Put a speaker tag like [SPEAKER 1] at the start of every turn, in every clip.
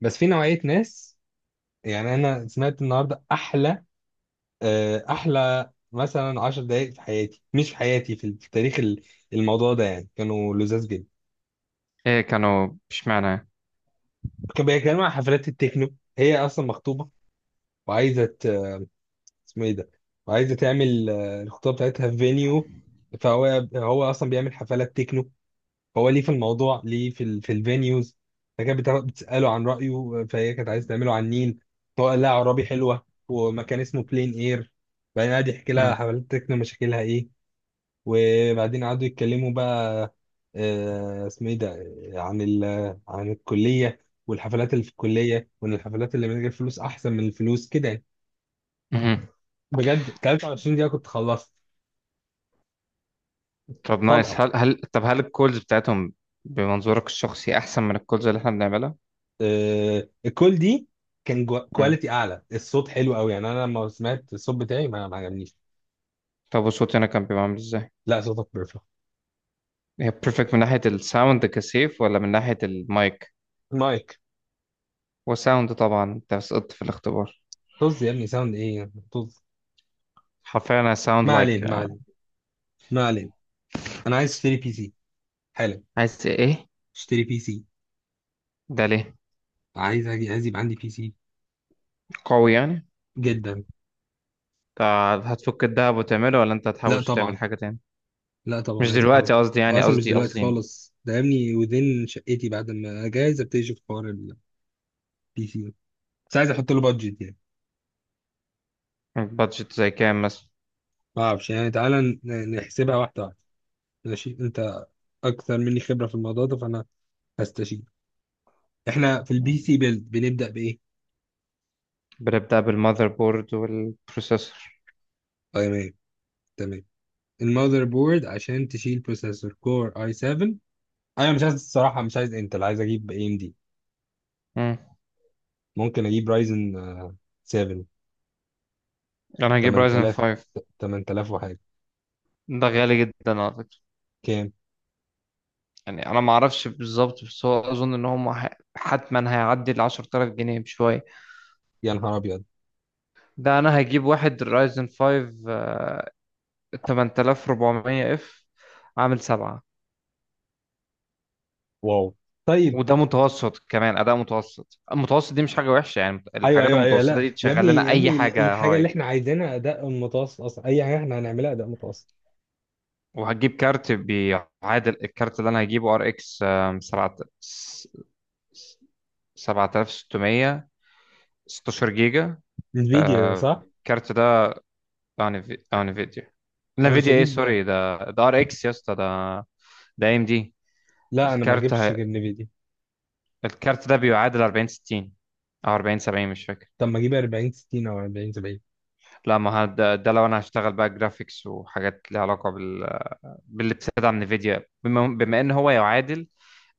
[SPEAKER 1] بس في نوعية ناس يعني أنا سمعت النهاردة أحلى، أحلى مثلا عشر دقايق في حياتي، مش في حياتي، في تاريخ الموضوع ده، يعني كانوا لذاذ جدا.
[SPEAKER 2] ايه كانوا؟ اشمعنى؟
[SPEAKER 1] كانوا بيتكلموا عن حفلات التكنو. هي أصلا مخطوبة وعايزة اسمه إيه ده، وعايزة تعمل الخطوبة بتاعتها في فينيو. فهو هو أصلا بيعمل حفلات تكنو. هو ليه في الموضوع، ليه في الفينيوز. فكانت بتساله عن رايه، فهي كانت عايزه تعمله على النيل. هو قال لها عرابي حلوه، ومكان اسمه بلين اير. بعدين قعد يحكي لها
[SPEAKER 2] مم.
[SPEAKER 1] حفلات تكنو مشاكلها ايه. وبعدين قعدوا يتكلموا بقى، اسمه ايه ده، عن ال عن الكليه والحفلات اللي في الكليه، وان الحفلات اللي من غير فلوس احسن من الفلوس كده يعني.
[SPEAKER 2] مهم.
[SPEAKER 1] بجد 23 دقيقه كنت خلصت
[SPEAKER 2] طب
[SPEAKER 1] طلقه.
[SPEAKER 2] نايس. هل الكولز بتاعتهم بمنظورك الشخصي احسن من الكولز اللي احنا بنعملها؟
[SPEAKER 1] الكول دي كان
[SPEAKER 2] مم.
[SPEAKER 1] كواليتي اعلى، الصوت حلو قوي. يعني انا لما سمعت الصوت بتاعي ما عجبنيش.
[SPEAKER 2] طب وصوتي انا كان بيبقى عامل ازاي؟
[SPEAKER 1] لا صوتك بيرفكت.
[SPEAKER 2] هي بيرفكت من ناحية الساوند كسيف ولا من ناحية المايك
[SPEAKER 1] مايك.
[SPEAKER 2] وساوند؟ طبعا انت سقطت في الاختبار.
[SPEAKER 1] طز يا ابني، ساوند ايه، طز.
[SPEAKER 2] حرفيا انا ساوند
[SPEAKER 1] ما
[SPEAKER 2] لايك.
[SPEAKER 1] علينا، ما علينا، ما علينا. انا عايز اشتري بي سي حالا.
[SPEAKER 2] عايز ايه؟
[SPEAKER 1] اشتري بي سي.
[SPEAKER 2] ده ليه؟
[SPEAKER 1] عايز يبقى عندي بي سي.
[SPEAKER 2] قوي يعني؟
[SPEAKER 1] جدا.
[SPEAKER 2] طب هتفك الدهب وتعمله ولا انت
[SPEAKER 1] لا
[SPEAKER 2] هتحوش تعمل
[SPEAKER 1] طبعا.
[SPEAKER 2] حاجة تاني؟
[SPEAKER 1] لا طبعا،
[SPEAKER 2] مش
[SPEAKER 1] عايز احاول.
[SPEAKER 2] دلوقتي قصدي، يعني
[SPEAKER 1] واصلا مش
[SPEAKER 2] قصدي
[SPEAKER 1] دلوقتي
[SPEAKER 2] قصدي
[SPEAKER 1] خالص، ده يا ابني ودين شقتي بعد ما اجهز ابتدي اشوف حوار البي سي ده. بس عايز احط له بادجت يعني.
[SPEAKER 2] بادجت زي كام مثلا؟
[SPEAKER 1] ما اعرفش يعني، تعالى نحسبها واحده واحده. ماشي، انت اكثر مني خبره في الموضوع ده، فانا هستشير. احنا في البي سي بيلد بنبدا بايه؟
[SPEAKER 2] بنبدأ بالمذر بورد والبروسيسور.
[SPEAKER 1] اي ام اي. تمام. المذر بورد عشان تشيل بروسيسور كور اي 7. انا مش عايز الصراحه، مش عايز انتل، عايز اجيب اي ام دي.
[SPEAKER 2] مم.
[SPEAKER 1] ممكن اجيب رايزن 7.
[SPEAKER 2] انا هجيب رايزن
[SPEAKER 1] 8000
[SPEAKER 2] 5.
[SPEAKER 1] 8000 وحاجه.
[SPEAKER 2] ده غالي جدا على فكرة.
[SPEAKER 1] كام؟
[SPEAKER 2] يعني انا ما اعرفش بالظبط بس هو اظن ان هم حتما هيعدي ال 10000 جنيه بشوية.
[SPEAKER 1] يا نهار ابيض.
[SPEAKER 2] ده انا هجيب واحد رايزن 5 8400 اف، عامل 7.
[SPEAKER 1] واو. طيب.
[SPEAKER 2] وده متوسط، كمان اداء متوسط. المتوسط دي مش حاجة وحشة يعني،
[SPEAKER 1] ايوه
[SPEAKER 2] الحاجات
[SPEAKER 1] ايوه ايوه،
[SPEAKER 2] المتوسطة
[SPEAKER 1] لا
[SPEAKER 2] دي
[SPEAKER 1] يا
[SPEAKER 2] تشغل
[SPEAKER 1] ابني
[SPEAKER 2] لنا
[SPEAKER 1] يا
[SPEAKER 2] اي
[SPEAKER 1] ابني،
[SPEAKER 2] حاجة
[SPEAKER 1] الحاجه اللي
[SPEAKER 2] هاي.
[SPEAKER 1] احنا عايزينها اداء متوسط، اصلا اي حاجه احنا هنعملها اداء متوسط.
[SPEAKER 2] وهجيب كارت بيعادل الكارت اللي انا هجيبه، RX 7 7600، 16 جيجا.
[SPEAKER 1] انفيديا،
[SPEAKER 2] آه،
[SPEAKER 1] صح؟
[SPEAKER 2] الكارت ده بتاع بتاع نفيديا.
[SPEAKER 1] انا مش
[SPEAKER 2] نفيديا ايه
[SPEAKER 1] هجيب.
[SPEAKER 2] سوري، ده ار اكس يا اسطى، ده ده AMD.
[SPEAKER 1] لا انا ما
[SPEAKER 2] الكارت
[SPEAKER 1] اجيبش غير NVIDIA.
[SPEAKER 2] الكارت ده بيعادل 40 60 او 40 70 مش فاكر.
[SPEAKER 1] طب ما اجيب 40 60 او 40 70؟
[SPEAKER 2] لا، ما هو ده لو انا هشتغل بقى جرافيكس وحاجات ليها علاقة بال، باللي بتدعم من نفيديا. بما ان هو يعادل،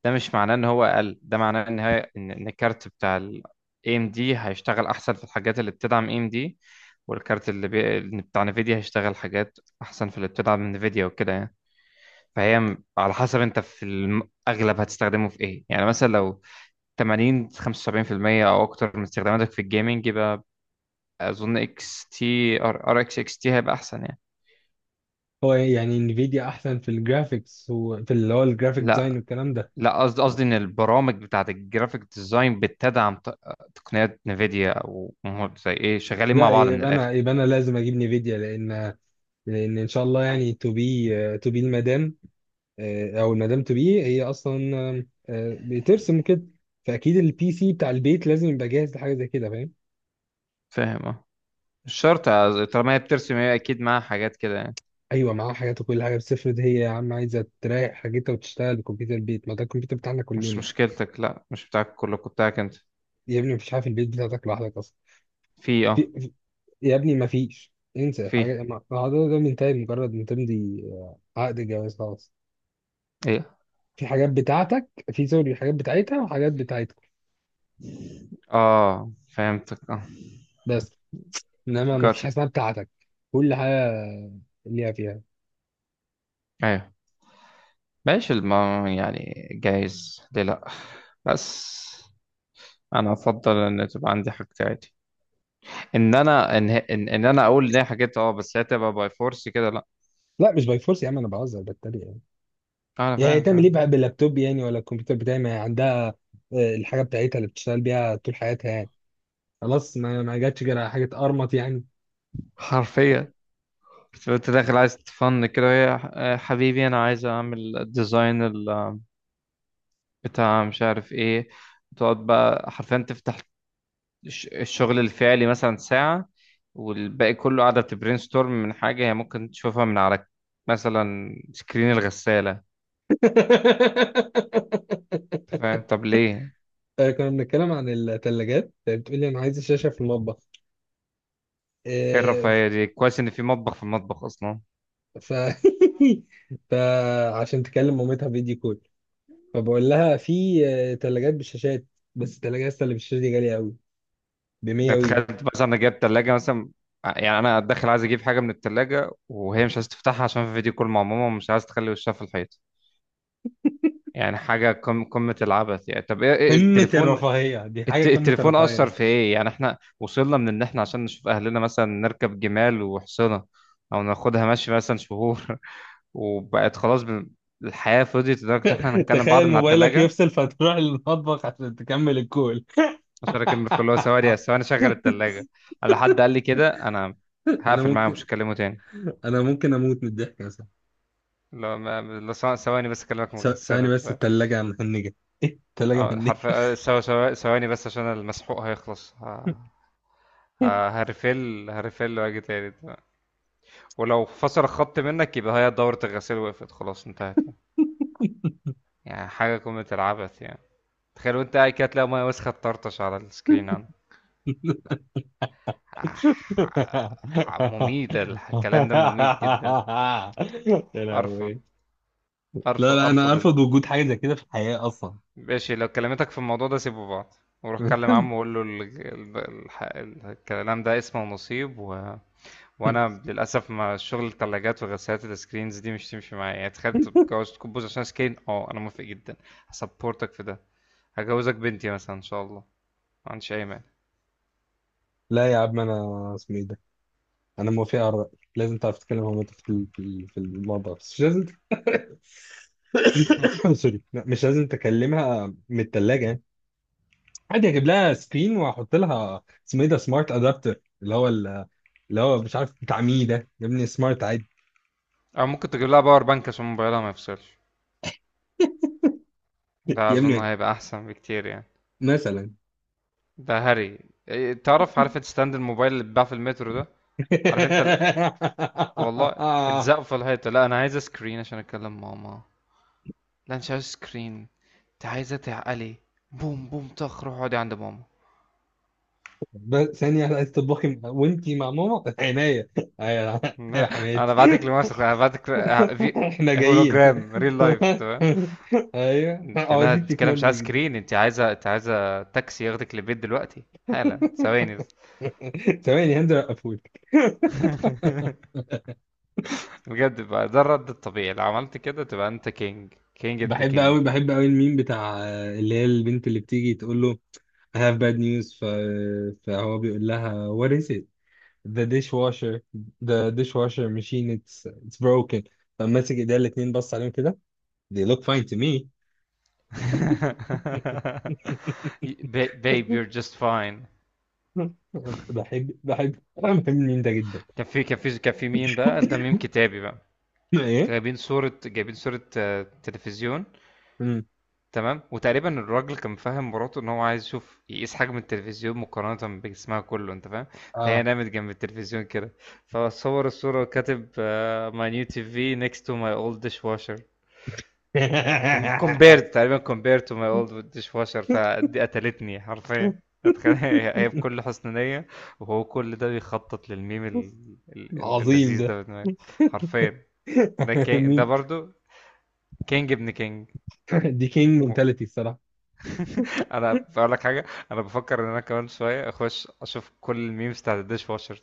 [SPEAKER 2] ده مش معناه ان هو اقل، ده معناه ان الكارت بتاع ال AMD هيشتغل احسن في الحاجات اللي بتدعم AMD، والكارت اللي اللي بتاع نفيديا هيشتغل حاجات احسن في اللي بتدعم من نفيديا وكده يعني. فهي على حسب انت في الاغلب هتستخدمه في ايه، يعني مثلا لو 80 75% او اكتر من استخداماتك في الجيمنج يبقى اظن اكس تي، ار اكس اكس تي، هيبقى احسن يعني.
[SPEAKER 1] هو إيه يعني، انفيديا احسن في الجرافيكس وفي اللي هو الجرافيك ديزاين
[SPEAKER 2] لا
[SPEAKER 1] والكلام ده؟
[SPEAKER 2] لا قصدي، ان البرامج بتاعت الجرافيك ديزاين بتدعم تقنيات نفيديا، او زي ايه، شغالين مع
[SPEAKER 1] لا
[SPEAKER 2] بعض من
[SPEAKER 1] يبقى انا
[SPEAKER 2] الاخر.
[SPEAKER 1] يبقى انا لازم اجيب نفيديا، لان ان شاء الله يعني، تو بي المدام، او المدام تو بي هي اصلا آم، آه، بترسم كده. فاكيد البي سي بتاع البيت لازم يبقى جاهز لحاجه زي كده، فاهم؟
[SPEAKER 2] فاهم اه. مش شرط، طالما هي بترسم هي اكيد معاها حاجات كده يعني.
[SPEAKER 1] ايوه معاها حاجات وكل حاجه، بس افرض هي يا عم عايزه تريح حاجتها وتشتغل بكمبيوتر البيت، ما ده الكمبيوتر بتاعنا
[SPEAKER 2] مش
[SPEAKER 1] كلنا.
[SPEAKER 2] مشكلتك. لا مش بتاعك كلكم، بتاعك انت.
[SPEAKER 1] يا ابني مفيش حاجه في البيت بتاعتك لوحدك.
[SPEAKER 2] في اه.
[SPEAKER 1] في... في- يا ابني ما فيش، انسى
[SPEAKER 2] في
[SPEAKER 1] الحاجات، الموضوع ده منتهي مجرد ما تمضي عقد جواز، خلاص.
[SPEAKER 2] ايه؟
[SPEAKER 1] في حاجات بتاعتك، في سوري، حاجات بتاعتها، وحاجات بتاعتكم،
[SPEAKER 2] اه فهمتك اه.
[SPEAKER 1] بس. انما ما فيش
[SPEAKER 2] got
[SPEAKER 1] حاجه
[SPEAKER 2] it.
[SPEAKER 1] اسمها بتاعتك. كل حاجه ليها فيها.
[SPEAKER 2] ايوه. ماشي يعني جايز، ليه لا. بس انا افضل ان تبقى عندي حاجتي عادي، ان انا اقول ان هي حاجات اه، بس هي تبقى باي فورس كده لا.
[SPEAKER 1] لا مش باي فورس يا عم، انا بهزر بتريق يعني.
[SPEAKER 2] انا
[SPEAKER 1] يعني هي
[SPEAKER 2] فاهم
[SPEAKER 1] تعمل ايه بقى
[SPEAKER 2] فاهم.
[SPEAKER 1] باللابتوب يعني، ولا الكمبيوتر بتاعي، ما هي عندها الحاجه بتاعتها اللي بتشتغل بيها طول حياتها يعني. خلاص ما جاتش غير على حاجه ارمط يعني.
[SPEAKER 2] حرفيا. بس انت داخل عايز تفن كده وهي: حبيبي انا عايز اعمل الديزاين بتاع مش عارف ايه. تقعد بقى حرفيا تفتح الشغل الفعلي مثلا ساعة، والباقي كله قاعدة بتبرين ستورم من حاجة هي ممكن تشوفها من على، مثلا، سكرين الغسالة. أنت فاهم؟ طب ليه؟
[SPEAKER 1] كنا بنتكلم عن الثلاجات، بتقولي انا عايز الشاشه في المطبخ.
[SPEAKER 2] ايه
[SPEAKER 1] آه،
[SPEAKER 2] الرفاهية دي! كويس ان في مطبخ، في المطبخ اصلا.
[SPEAKER 1] ف فعشان تكلم مامتها فيديو كول، فبقول لها في ثلاجات بالشاشات. بس الثلاجه لسه اللي بالشاشه دي غاليه قوي، ب 100
[SPEAKER 2] يعني
[SPEAKER 1] وي.
[SPEAKER 2] تخيل، مثلا انا جايب تلاجة مثلا، يعني انا داخل عايز اجيب حاجة من التلاجة وهي مش عايز تفتحها عشان في فيديو كول مع ماما، ومش عايز تخلي وشها في الحيط. يعني حاجة قمة العبث يعني. طب ايه،
[SPEAKER 1] قمه
[SPEAKER 2] التليفون؟
[SPEAKER 1] الرفاهيه دي حاجه، قمه
[SPEAKER 2] التليفون
[SPEAKER 1] الرفاهيه
[SPEAKER 2] أثر في
[SPEAKER 1] اصلا.
[SPEAKER 2] ايه، يعني احنا وصلنا من ان احنا عشان نشوف اهلنا مثلا نركب جمال وحصنة، او ناخدها ماشي مثلا شهور، وبقت خلاص الحياة فضيت لدرجة ان احنا هنتكلم بعض
[SPEAKER 1] تخيل
[SPEAKER 2] من على
[SPEAKER 1] موبايلك
[SPEAKER 2] التلاجة.
[SPEAKER 1] يفصل فتروح للمطبخ عشان تكمل الكول.
[SPEAKER 2] عشان اكمل كل، هو ثواني ثواني شغل التلاجة. على حد قال لي كده، انا
[SPEAKER 1] انا
[SPEAKER 2] هقفل معاه مش
[SPEAKER 1] ممكن
[SPEAKER 2] هكلمه تاني.
[SPEAKER 1] انا ممكن اموت من الضحك اصلا.
[SPEAKER 2] لا ما لا، ثواني بس اكلمك من الغسالة،
[SPEAKER 1] ثواني
[SPEAKER 2] انت
[SPEAKER 1] بس،
[SPEAKER 2] فاهم؟
[SPEAKER 1] الثلاجه مهنجه. ايه، الثلاجه
[SPEAKER 2] اه،
[SPEAKER 1] مهنجه.
[SPEAKER 2] حرفيا ثواني بس عشان المسحوق هيخلص، هرفل هرفل واجي تاني. أنت فاهم؟ ولو فصل الخط منك يبقى هي دورة الغسيل وقفت، خلاص انتهت يعني. يعني حاجة قمة العبث يعني. تخيل وانت قاعد كده تلاقي مية وسخة تطرطش على السكرين عندك. آه، مميت، الكلام ده مميت جدا.
[SPEAKER 1] يا
[SPEAKER 2] ارفض،
[SPEAKER 1] لهوي. لا
[SPEAKER 2] ارفض،
[SPEAKER 1] لا، انا
[SPEAKER 2] ارفض.
[SPEAKER 1] ارفض وجود حاجه زي كده في الحياه اصلا.
[SPEAKER 2] ماشي لو كلمتك في الموضوع ده سيبوا بعض، وروح كلم عمه وقول له الكلام ده اسمه نصيب و وانا للاسف، ما شغل الثلاجات وغسالات السكرينز دي مش تمشي معايا يعني. تخيل تتجوز تكبوز عشان سكرين، اه انا موافق جدا، هسبورتك في ده، هجوزك بنتي مثلا ان شاء الله، ما عنديش اي مانع.
[SPEAKER 1] لا يا عم، انا اسمه ايه ده، انا موافق على الراي. لازم تعرف تتكلم مع مامتك في الموضوع، بس مش لازم سوري. لا، مش لازم تكلمها من الثلاجه يعني. عادي اجيب لها سكرين واحط لها اسمه ايه ده، سمارت ادابتر، اللي هو مش عارف بتاع مين ده، يا ابني سمارت عادي.
[SPEAKER 2] او ممكن تجيب لها باور بانك عشان موبايلها ما يفصلش، ده
[SPEAKER 1] يا
[SPEAKER 2] اظن
[SPEAKER 1] ابني،
[SPEAKER 2] هيبقى احسن بكتير يعني.
[SPEAKER 1] مثلا.
[SPEAKER 2] ده هري. تعرف، عارف انت ستاند الموبايل اللي بيتباع في المترو ده؟ عارف انت؟ والله! اتزقوا في الحيطة، لا أنا عايزة سكرين عشان أكلم ماما. لا مش عايز سكرين، أنت عايزة تعقلي. بوم بوم طخ، روح اقعدي عند ماما.
[SPEAKER 1] بس ثانية واحدة، عايز تطبخي وانتي مع ماما عناية. ايوه يا
[SPEAKER 2] أنا بعتك
[SPEAKER 1] حماتي.
[SPEAKER 2] لمسك، أنا بعتك في
[SPEAKER 1] احنا جايين.
[SPEAKER 2] هولوجرام ريل لايف تمام.
[SPEAKER 1] ايوه،
[SPEAKER 2] أنت،
[SPEAKER 1] اه،
[SPEAKER 2] لا
[SPEAKER 1] دي
[SPEAKER 2] أنت كده مش عايز
[SPEAKER 1] التكنولوجي دي.
[SPEAKER 2] سكرين، أنت عايزة تاكسي ياخدك للبيت دلوقتي حالا. ثواني بس.
[SPEAKER 1] ثواني، هنزل اقفول.
[SPEAKER 2] بجد بقى ده الرد الطبيعي، لو عملت كده تبقى أنت كينج، كينج ابن
[SPEAKER 1] بحب
[SPEAKER 2] كينج.
[SPEAKER 1] قوي، بحب قوي الميم بتاع اللي هي البنت اللي بتيجي تقول له I have bad news، فهو بيقول لها what is it. the dishwasher the dishwasher machine, it's broken. فماسك ايديها الاتنين، بص عليهم كده، they look fine to me.
[SPEAKER 2] Babe you're just fine.
[SPEAKER 1] بحب بحب انا بحب مين ده جدا.
[SPEAKER 2] كان في ميم بقى، ده ميم كتابي بقى.
[SPEAKER 1] ايه.
[SPEAKER 2] جايبين صورة، تلفزيون.
[SPEAKER 1] مم.
[SPEAKER 2] تمام، وتقريبا الراجل كان فاهم مراته ان هو عايز يقيس حجم التلفزيون مقارنة بجسمها كله، انت فاهم؟ فهي
[SPEAKER 1] اه
[SPEAKER 2] نامت جنب التلفزيون كده، فصور الصورة وكاتب: ماي نيو TV next to my old dishwasher. Compared to my old dishwasher. فدي قتلتني حرفيا. اتخيل، هي بكل حسن نية، وهو كل ده بيخطط للميم
[SPEAKER 1] عظيم
[SPEAKER 2] اللذيذ
[SPEAKER 1] ده.
[SPEAKER 2] ده في دماغي. حرفيا، ده كين، ده
[SPEAKER 1] مين؟
[SPEAKER 2] برضو كينج ابن كينج.
[SPEAKER 1] دي كينج
[SPEAKER 2] و-
[SPEAKER 1] منتاليتي الصراحه.
[SPEAKER 2] انا بقول لك حاجه. انا بفكر ان انا كمان شويه اخش اشوف كل الميمز بتاعت الديش واشر،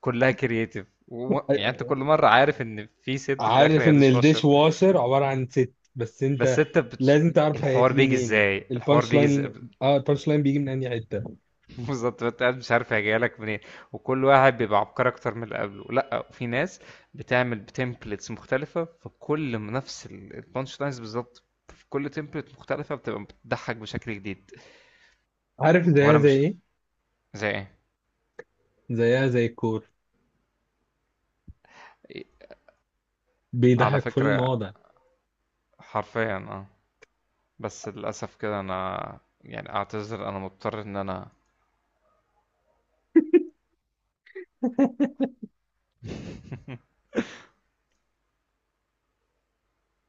[SPEAKER 2] كلها كرييتيف يعني انت كل مره عارف ان في ست في الاخر
[SPEAKER 1] عارف
[SPEAKER 2] هي
[SPEAKER 1] ان
[SPEAKER 2] ديش
[SPEAKER 1] الديش
[SPEAKER 2] واشر،
[SPEAKER 1] واشر عباره عن ست، بس
[SPEAKER 2] بس
[SPEAKER 1] انت
[SPEAKER 2] انت
[SPEAKER 1] لازم تعرف هي
[SPEAKER 2] الحوار
[SPEAKER 1] هتيجي
[SPEAKER 2] بيجي
[SPEAKER 1] منين.
[SPEAKER 2] ازاي، الحوار
[SPEAKER 1] البانش
[SPEAKER 2] بيجي ازاي.
[SPEAKER 1] لاين. اه، البانش لاين بيجي من انهي حته؟
[SPEAKER 2] بالظبط انت قاعد مش عارف هي جايه لك منين، وكل واحد بيبقى عبقري اكتر من اللي قبله. لا، وفي ناس بتعمل بتمبلتس مختلفه، في كل نفس البانش لاينز بالظبط، في كل تمبلت مختلفه بتبقى بتضحك بشكل جديد.
[SPEAKER 1] عارف
[SPEAKER 2] هو
[SPEAKER 1] زيها
[SPEAKER 2] انا
[SPEAKER 1] زي
[SPEAKER 2] مش
[SPEAKER 1] ايه؟
[SPEAKER 2] زي ايه.
[SPEAKER 1] زيها زي الكور،
[SPEAKER 2] إيه، على
[SPEAKER 1] بيضحك في
[SPEAKER 2] فكرة،
[SPEAKER 1] المواضع.
[SPEAKER 2] حرفيا اه. بس للأسف كده انا يعني اعتذر، انا مضطر ان انا